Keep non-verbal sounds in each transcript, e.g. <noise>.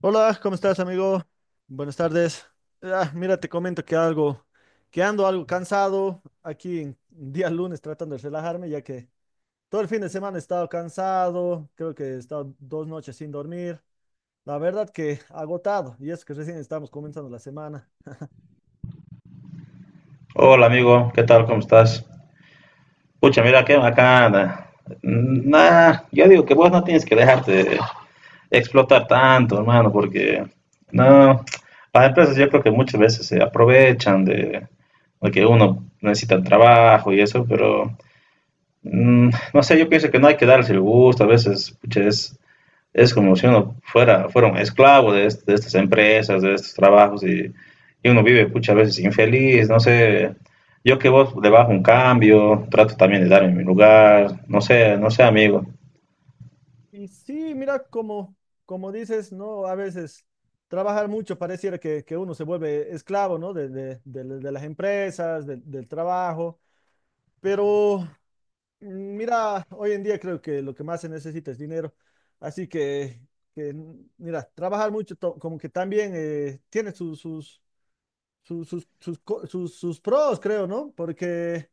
Hola, ¿cómo estás, amigo? Buenas tardes. Mira, te comento que ando algo cansado aquí en día lunes tratando de relajarme, ya que todo el fin de semana he estado cansado, creo que he estado dos noches sin dormir. La verdad que agotado, y es que recién estamos comenzando la semana. Hola amigo, ¿qué tal? ¿Cómo estás? Pucha, mira que acá, nah, yo digo que vos no tienes que dejarte explotar tanto, hermano, porque no, las empresas yo creo que muchas veces se aprovechan de que uno necesita el trabajo y eso, pero no sé, yo pienso que no hay que darse el gusto, a veces, pucha, es como si uno fuera un esclavo de estas empresas, de estos trabajos, y uno vive muchas veces infeliz, no sé, yo que vos le bajo un cambio, trato también de darme mi lugar, no sé, no sé, amigo. Y sí, mira, como dices, ¿no? A veces trabajar mucho pareciera que uno se vuelve esclavo, ¿no? De las empresas, del trabajo, pero... Mira, hoy en día creo que lo que más se necesita es dinero, así que, mira, trabajar mucho como que también tiene sus pros, creo, ¿no? Porque,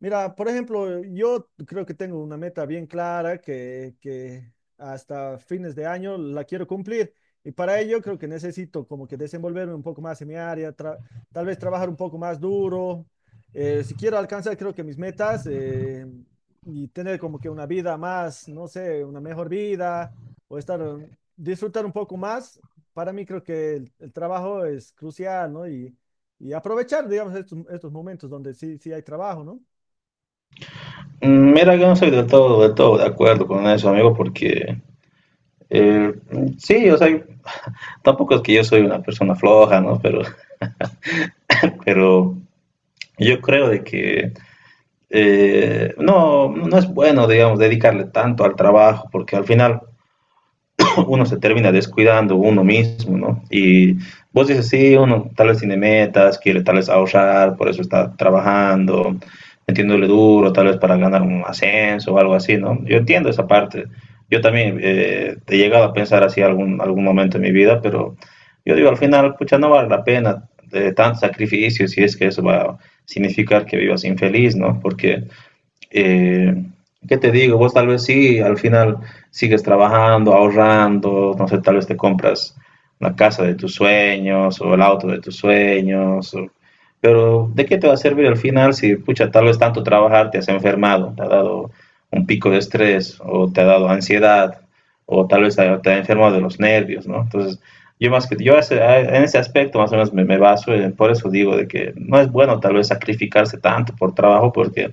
mira, por ejemplo, yo creo que tengo una meta bien clara que hasta fines de año la quiero cumplir. Y para ello creo que necesito como que desenvolverme un poco más en mi área, tal vez trabajar un poco más duro. Si quiero alcanzar, creo que mis metas y tener como que una vida más, no sé, una mejor vida o estar, disfrutar un poco más, para mí creo que el trabajo es crucial, ¿no? Y aprovechar, digamos, estos momentos donde sí, sí hay trabajo, ¿no? Mm, mira, yo no soy del todo de acuerdo con eso, amigo, porque eh, sí, o sea, <laughs> tampoco es que yo soy una persona floja, ¿no? Pero, <laughs> pero yo creo de que no es bueno, digamos, dedicarle tanto al trabajo, porque al final uno se termina descuidando uno mismo, ¿no? Y vos dices, sí, uno tal vez tiene metas, quiere tal vez ahorrar, por eso está trabajando, metiéndole duro, tal vez para ganar un ascenso o algo así, ¿no? Yo entiendo esa parte. Yo también he llegado a pensar así algún momento en mi vida, pero yo digo, al final, pucha, no vale la pena de tanto sacrificio si es que eso va a significar que vivas infeliz, ¿no? Porque eh, ¿qué te digo? Vos tal vez sí, al final sigues trabajando, ahorrando, no sé, tal vez te compras la casa de tus sueños o el auto de tus sueños, o pero ¿de qué te va a servir al final si, pucha, tal vez tanto trabajar te has enfermado, te ha dado un pico de estrés o te ha dado ansiedad o tal vez te ha enfermado de los nervios, ¿no? Entonces, yo más que yo en ese aspecto más o menos me baso, por eso digo de que no es bueno tal vez sacrificarse tanto por trabajo porque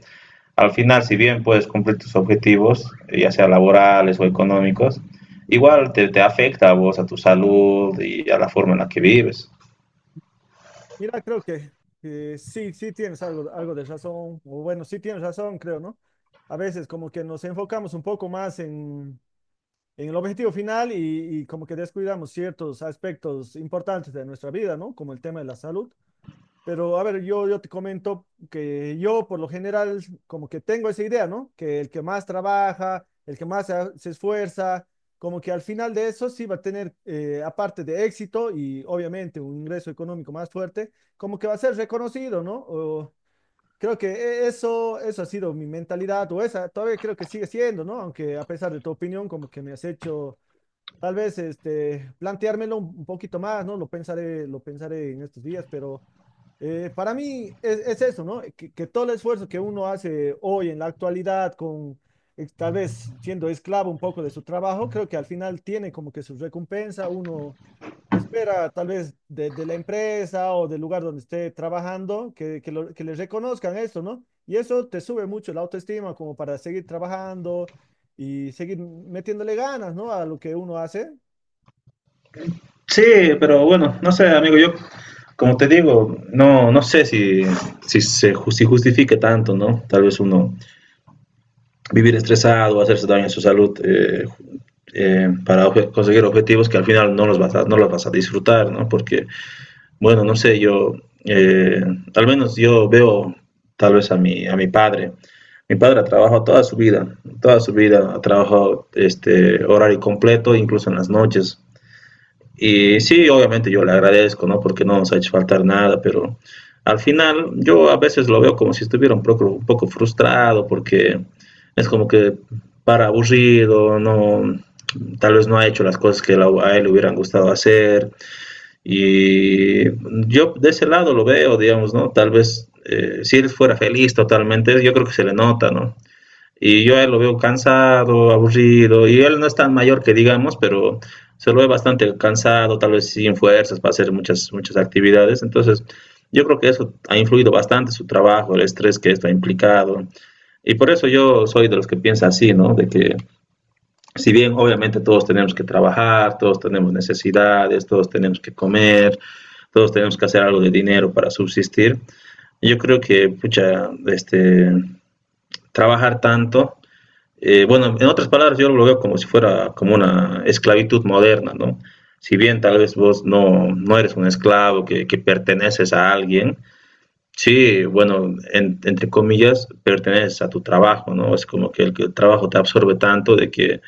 al final, si bien puedes cumplir tus objetivos, ya sea laborales o económicos, igual te afecta a vos, a tu salud y a la forma en la que vives. Mira, creo que sí, sí tienes algo de razón, o bueno, sí tienes razón, creo, ¿no? A veces como que nos enfocamos un poco más en el objetivo final y como que descuidamos ciertos aspectos importantes de nuestra vida, ¿no? Como el tema de la salud. Pero a ver, yo te comento que yo por lo general como que tengo esa idea, ¿no? Que el que más trabaja, el que más se esfuerza, como que al final de eso sí va a tener, aparte de éxito y obviamente un ingreso económico más fuerte, como que va a ser reconocido, ¿no? O creo que eso, eso ha sido mi mentalidad o esa, todavía creo que sigue siendo, ¿no? Aunque a pesar de tu opinión, como que me has hecho tal vez este, planteármelo un poquito más, ¿no? Lo pensaré en estos días, pero para mí es eso, ¿no? Que todo el esfuerzo que uno hace hoy en la actualidad, con tal vez siendo esclavo un poco de su trabajo, creo que al final tiene como que su recompensa. Uno espera tal vez de la empresa o del lugar donde esté trabajando que le reconozcan esto, ¿no? Y eso te sube mucho la autoestima como para seguir trabajando y seguir metiéndole ganas, ¿no? A lo que uno hace. Sí, pero bueno, no sé, amigo, yo, como te digo, no, no sé si se si justifique tanto, ¿no? Tal vez uno vivir estresado, hacerse daño en su salud para conseguir objetivos que al final no los vas no los vas a disfrutar, ¿no? Porque bueno, no sé, yo, eh, al menos yo veo tal vez a a mi padre. Mi padre ha trabajado toda su vida ha trabajado este horario completo, incluso en las noches. Y sí, obviamente yo le agradezco, ¿no? Porque no nos ha hecho faltar nada, pero al final yo a veces lo veo como si estuviera un un poco frustrado, porque es como que para aburrido, no, tal vez no ha hecho las cosas que a él le hubieran gustado hacer y yo de ese lado lo veo, digamos, ¿no? Tal vez si él fuera feliz totalmente, yo creo que se le nota, ¿no? Y yo a él lo veo cansado, aburrido, y él no es tan mayor que digamos, pero se lo ve bastante cansado, tal vez sin fuerzas para hacer muchas, muchas actividades. Entonces, yo creo que eso ha influido bastante su trabajo, el estrés que esto ha implicado. Y por eso yo soy de los que piensa así, ¿no? De que si bien obviamente todos tenemos que trabajar, todos tenemos necesidades, todos tenemos que comer, todos tenemos que hacer algo de dinero para subsistir, yo creo que, pucha, este, trabajar tanto, bueno, en otras palabras yo lo veo como si fuera como una esclavitud moderna, ¿no? Si bien tal vez vos no, no eres un esclavo que perteneces a alguien, sí, bueno, entre comillas, perteneces a tu trabajo, ¿no? Es como que que el trabajo te absorbe tanto de que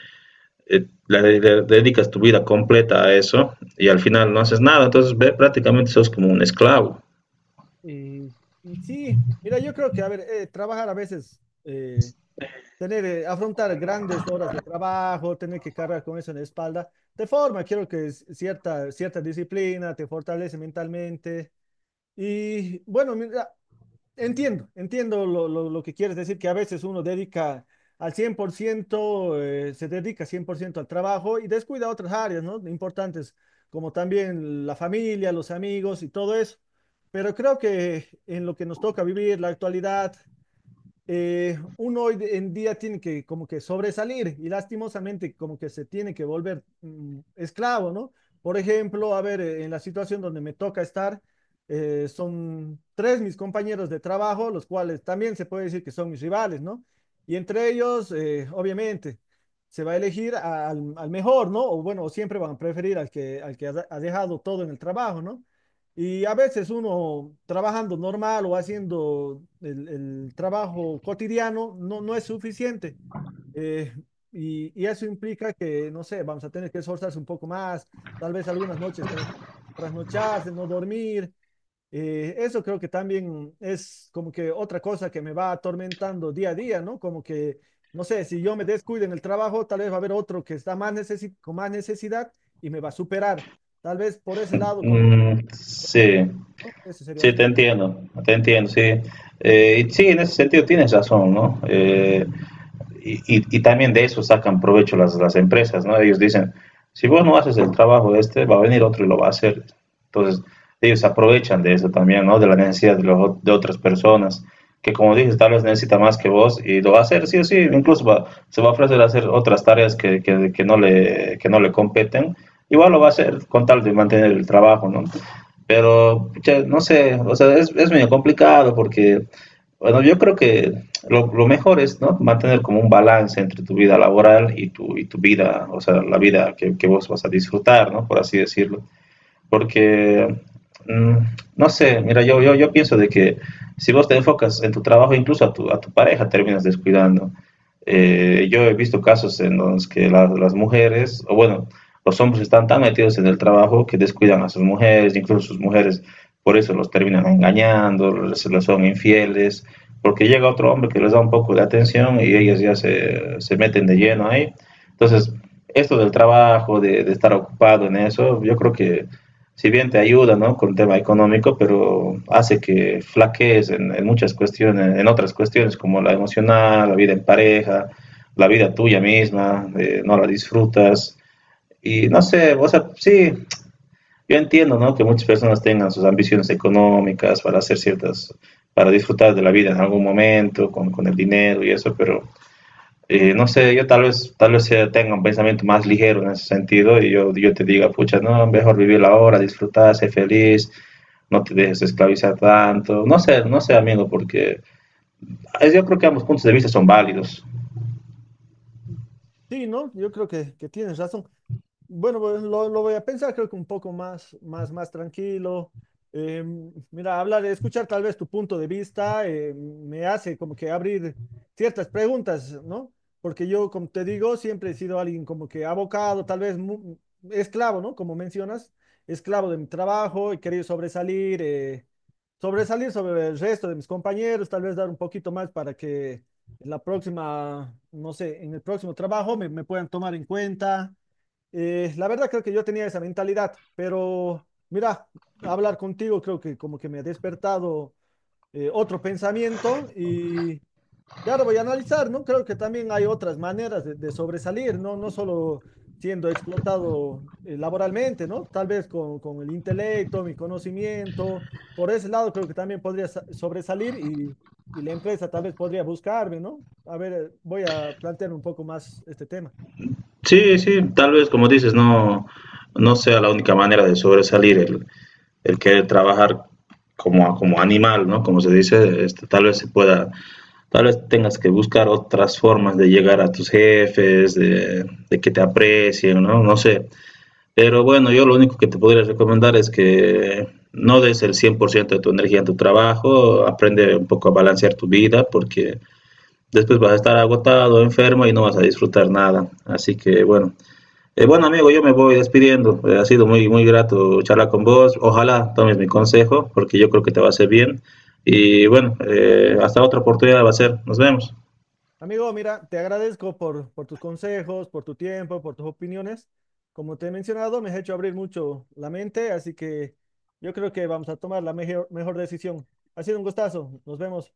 le dedicas tu vida completa a eso y al final no haces nada, entonces ve, prácticamente sos como un esclavo. Y, y sí, mira, yo creo que, a ver, trabajar a veces, afrontar grandes horas de trabajo, tener que cargar con eso en la espalda, te forma, quiero que es cierta, cierta disciplina, te fortalece mentalmente. Y bueno, mira, entiendo lo que quieres decir, que a veces uno dedica al 100%, se dedica 100% al trabajo y descuida otras áreas, ¿no? Importantes, como también la familia, los amigos y todo eso. Pero creo que en lo que nos toca vivir, la actualidad, uno hoy en día tiene que como que sobresalir y lastimosamente como que se tiene que volver esclavo, ¿no? Por ejemplo, a ver, en la situación donde me toca estar, son tres mis compañeros de trabajo, los cuales también se puede decir que son mis rivales, ¿no? Y entre ellos, obviamente, se va a elegir al mejor, ¿no? O bueno, siempre van a preferir al que ha dejado todo en el trabajo, ¿no? Y a veces uno trabajando normal o haciendo el trabajo cotidiano no es suficiente. Eh, y, y eso implica que, no sé, vamos a tener que esforzarse un poco más, tal vez algunas noches trasnocharse, no dormir, eso creo que también es como que otra cosa que me va atormentando día a día, ¿no? Como que, no sé, si yo me descuido en el trabajo, tal vez va a haber otro que está más con más necesidad y me va a superar. Tal vez por ese lado como que, Mm, ah, no, sí, no, ese sería sí, otro. Te entiendo, sí. Sí, en ese sentido tienes razón, ¿no? También de eso sacan provecho las empresas, ¿no? Ellos dicen, si vos no haces el trabajo de este, va a venir otro y lo va a hacer. Entonces, ellos aprovechan de eso también, ¿no? De la necesidad de otras personas, que como dices, tal vez necesita más que vos y lo va a hacer, sí o sí, incluso va, se va a ofrecer a hacer otras tareas que no le competen, igual lo va a hacer con tal de mantener el trabajo, ¿no? Pero, no sé, o sea, es medio complicado porque bueno, yo creo que lo mejor es, ¿no? Mantener como un balance entre tu vida laboral y y tu vida, o sea, la vida que vos vas a disfrutar, ¿no? Por así decirlo porque, mm, no sé, mira, yo pienso de que si vos te enfocas en tu trabajo, incluso a a tu pareja terminas descuidando. Yo he visto casos en los que las mujeres, o bueno, los hombres están tan metidos en el trabajo que descuidan a sus mujeres, incluso sus mujeres por eso los terminan engañando, se los son infieles, porque llega otro hombre que les da un poco de atención y ellas ya se meten de lleno ahí. Entonces, esto del trabajo, de estar ocupado en eso, yo creo que si bien te ayuda, ¿no? Con el tema económico, pero hace que flaquees en muchas cuestiones, en otras cuestiones como la emocional, la vida en pareja, la vida tuya misma, no la disfrutas. Y no sé, o sea, sí, yo entiendo, ¿no? Que muchas personas tengan sus ambiciones económicas para hacer ciertas, para disfrutar de la vida en algún momento, con el dinero y eso, pero no sé, yo tal vez tenga un pensamiento más ligero en ese sentido y yo te diga, pucha, no, mejor vivir la hora, disfrutar, ser feliz, no te dejes esclavizar tanto. No sé, no sé, amigo, porque yo creo que ambos puntos de vista son válidos. Sí, ¿no? Yo creo que tienes razón. Bueno, pues lo voy a pensar, creo que un poco más tranquilo. Eh, Mira, hablar, escuchar tal vez tu punto de vista me hace como que abrir ciertas preguntas, ¿no? Porque yo, como te digo, siempre he sido alguien como que abocado, tal vez esclavo, ¿no? Como mencionas, esclavo de mi trabajo, he querido sobresalir, sobresalir sobre el resto de mis compañeros, tal vez dar un poquito más para que en la próxima, no sé, en el próximo trabajo me puedan tomar en cuenta, la verdad creo que yo tenía esa mentalidad, pero mira, hablar contigo creo que como que me ha despertado otro pensamiento y ahora voy a analizar, ¿no? Creo que también hay otras maneras de sobresalir, ¿no? No solo siendo explotado laboralmente, ¿no? Tal vez con el intelecto, mi conocimiento, por ese lado creo que también podría sobresalir y la empresa tal vez podría buscarme, ¿no? A ver, voy a plantear un poco más este tema. Sí, sí, tal vez como dices, no, no sea la única manera de sobresalir el querer trabajar como, como animal, ¿no? Como se dice, este, tal vez se pueda tal vez tengas que buscar otras formas de llegar a tus jefes, de que te aprecien, ¿no? No sé. Pero bueno, yo lo único que te podría recomendar es que no des el 100% de tu energía en tu trabajo, aprende un poco a balancear tu vida porque después vas a estar agotado, enfermo y no vas a disfrutar nada. Así que bueno, bueno amigo, yo me voy despidiendo. Ha sido muy, muy grato charlar con vos. Ojalá tomes mi consejo porque yo creo que te va a hacer bien. Y bueno, hasta otra oportunidad va a ser. Nos vemos. Amigo, mira, te agradezco por tus consejos, por tu tiempo, por tus opiniones. Como te he mencionado, me has hecho abrir mucho la mente, así que yo creo que vamos a tomar la mejor decisión. Ha sido un gustazo. Nos vemos.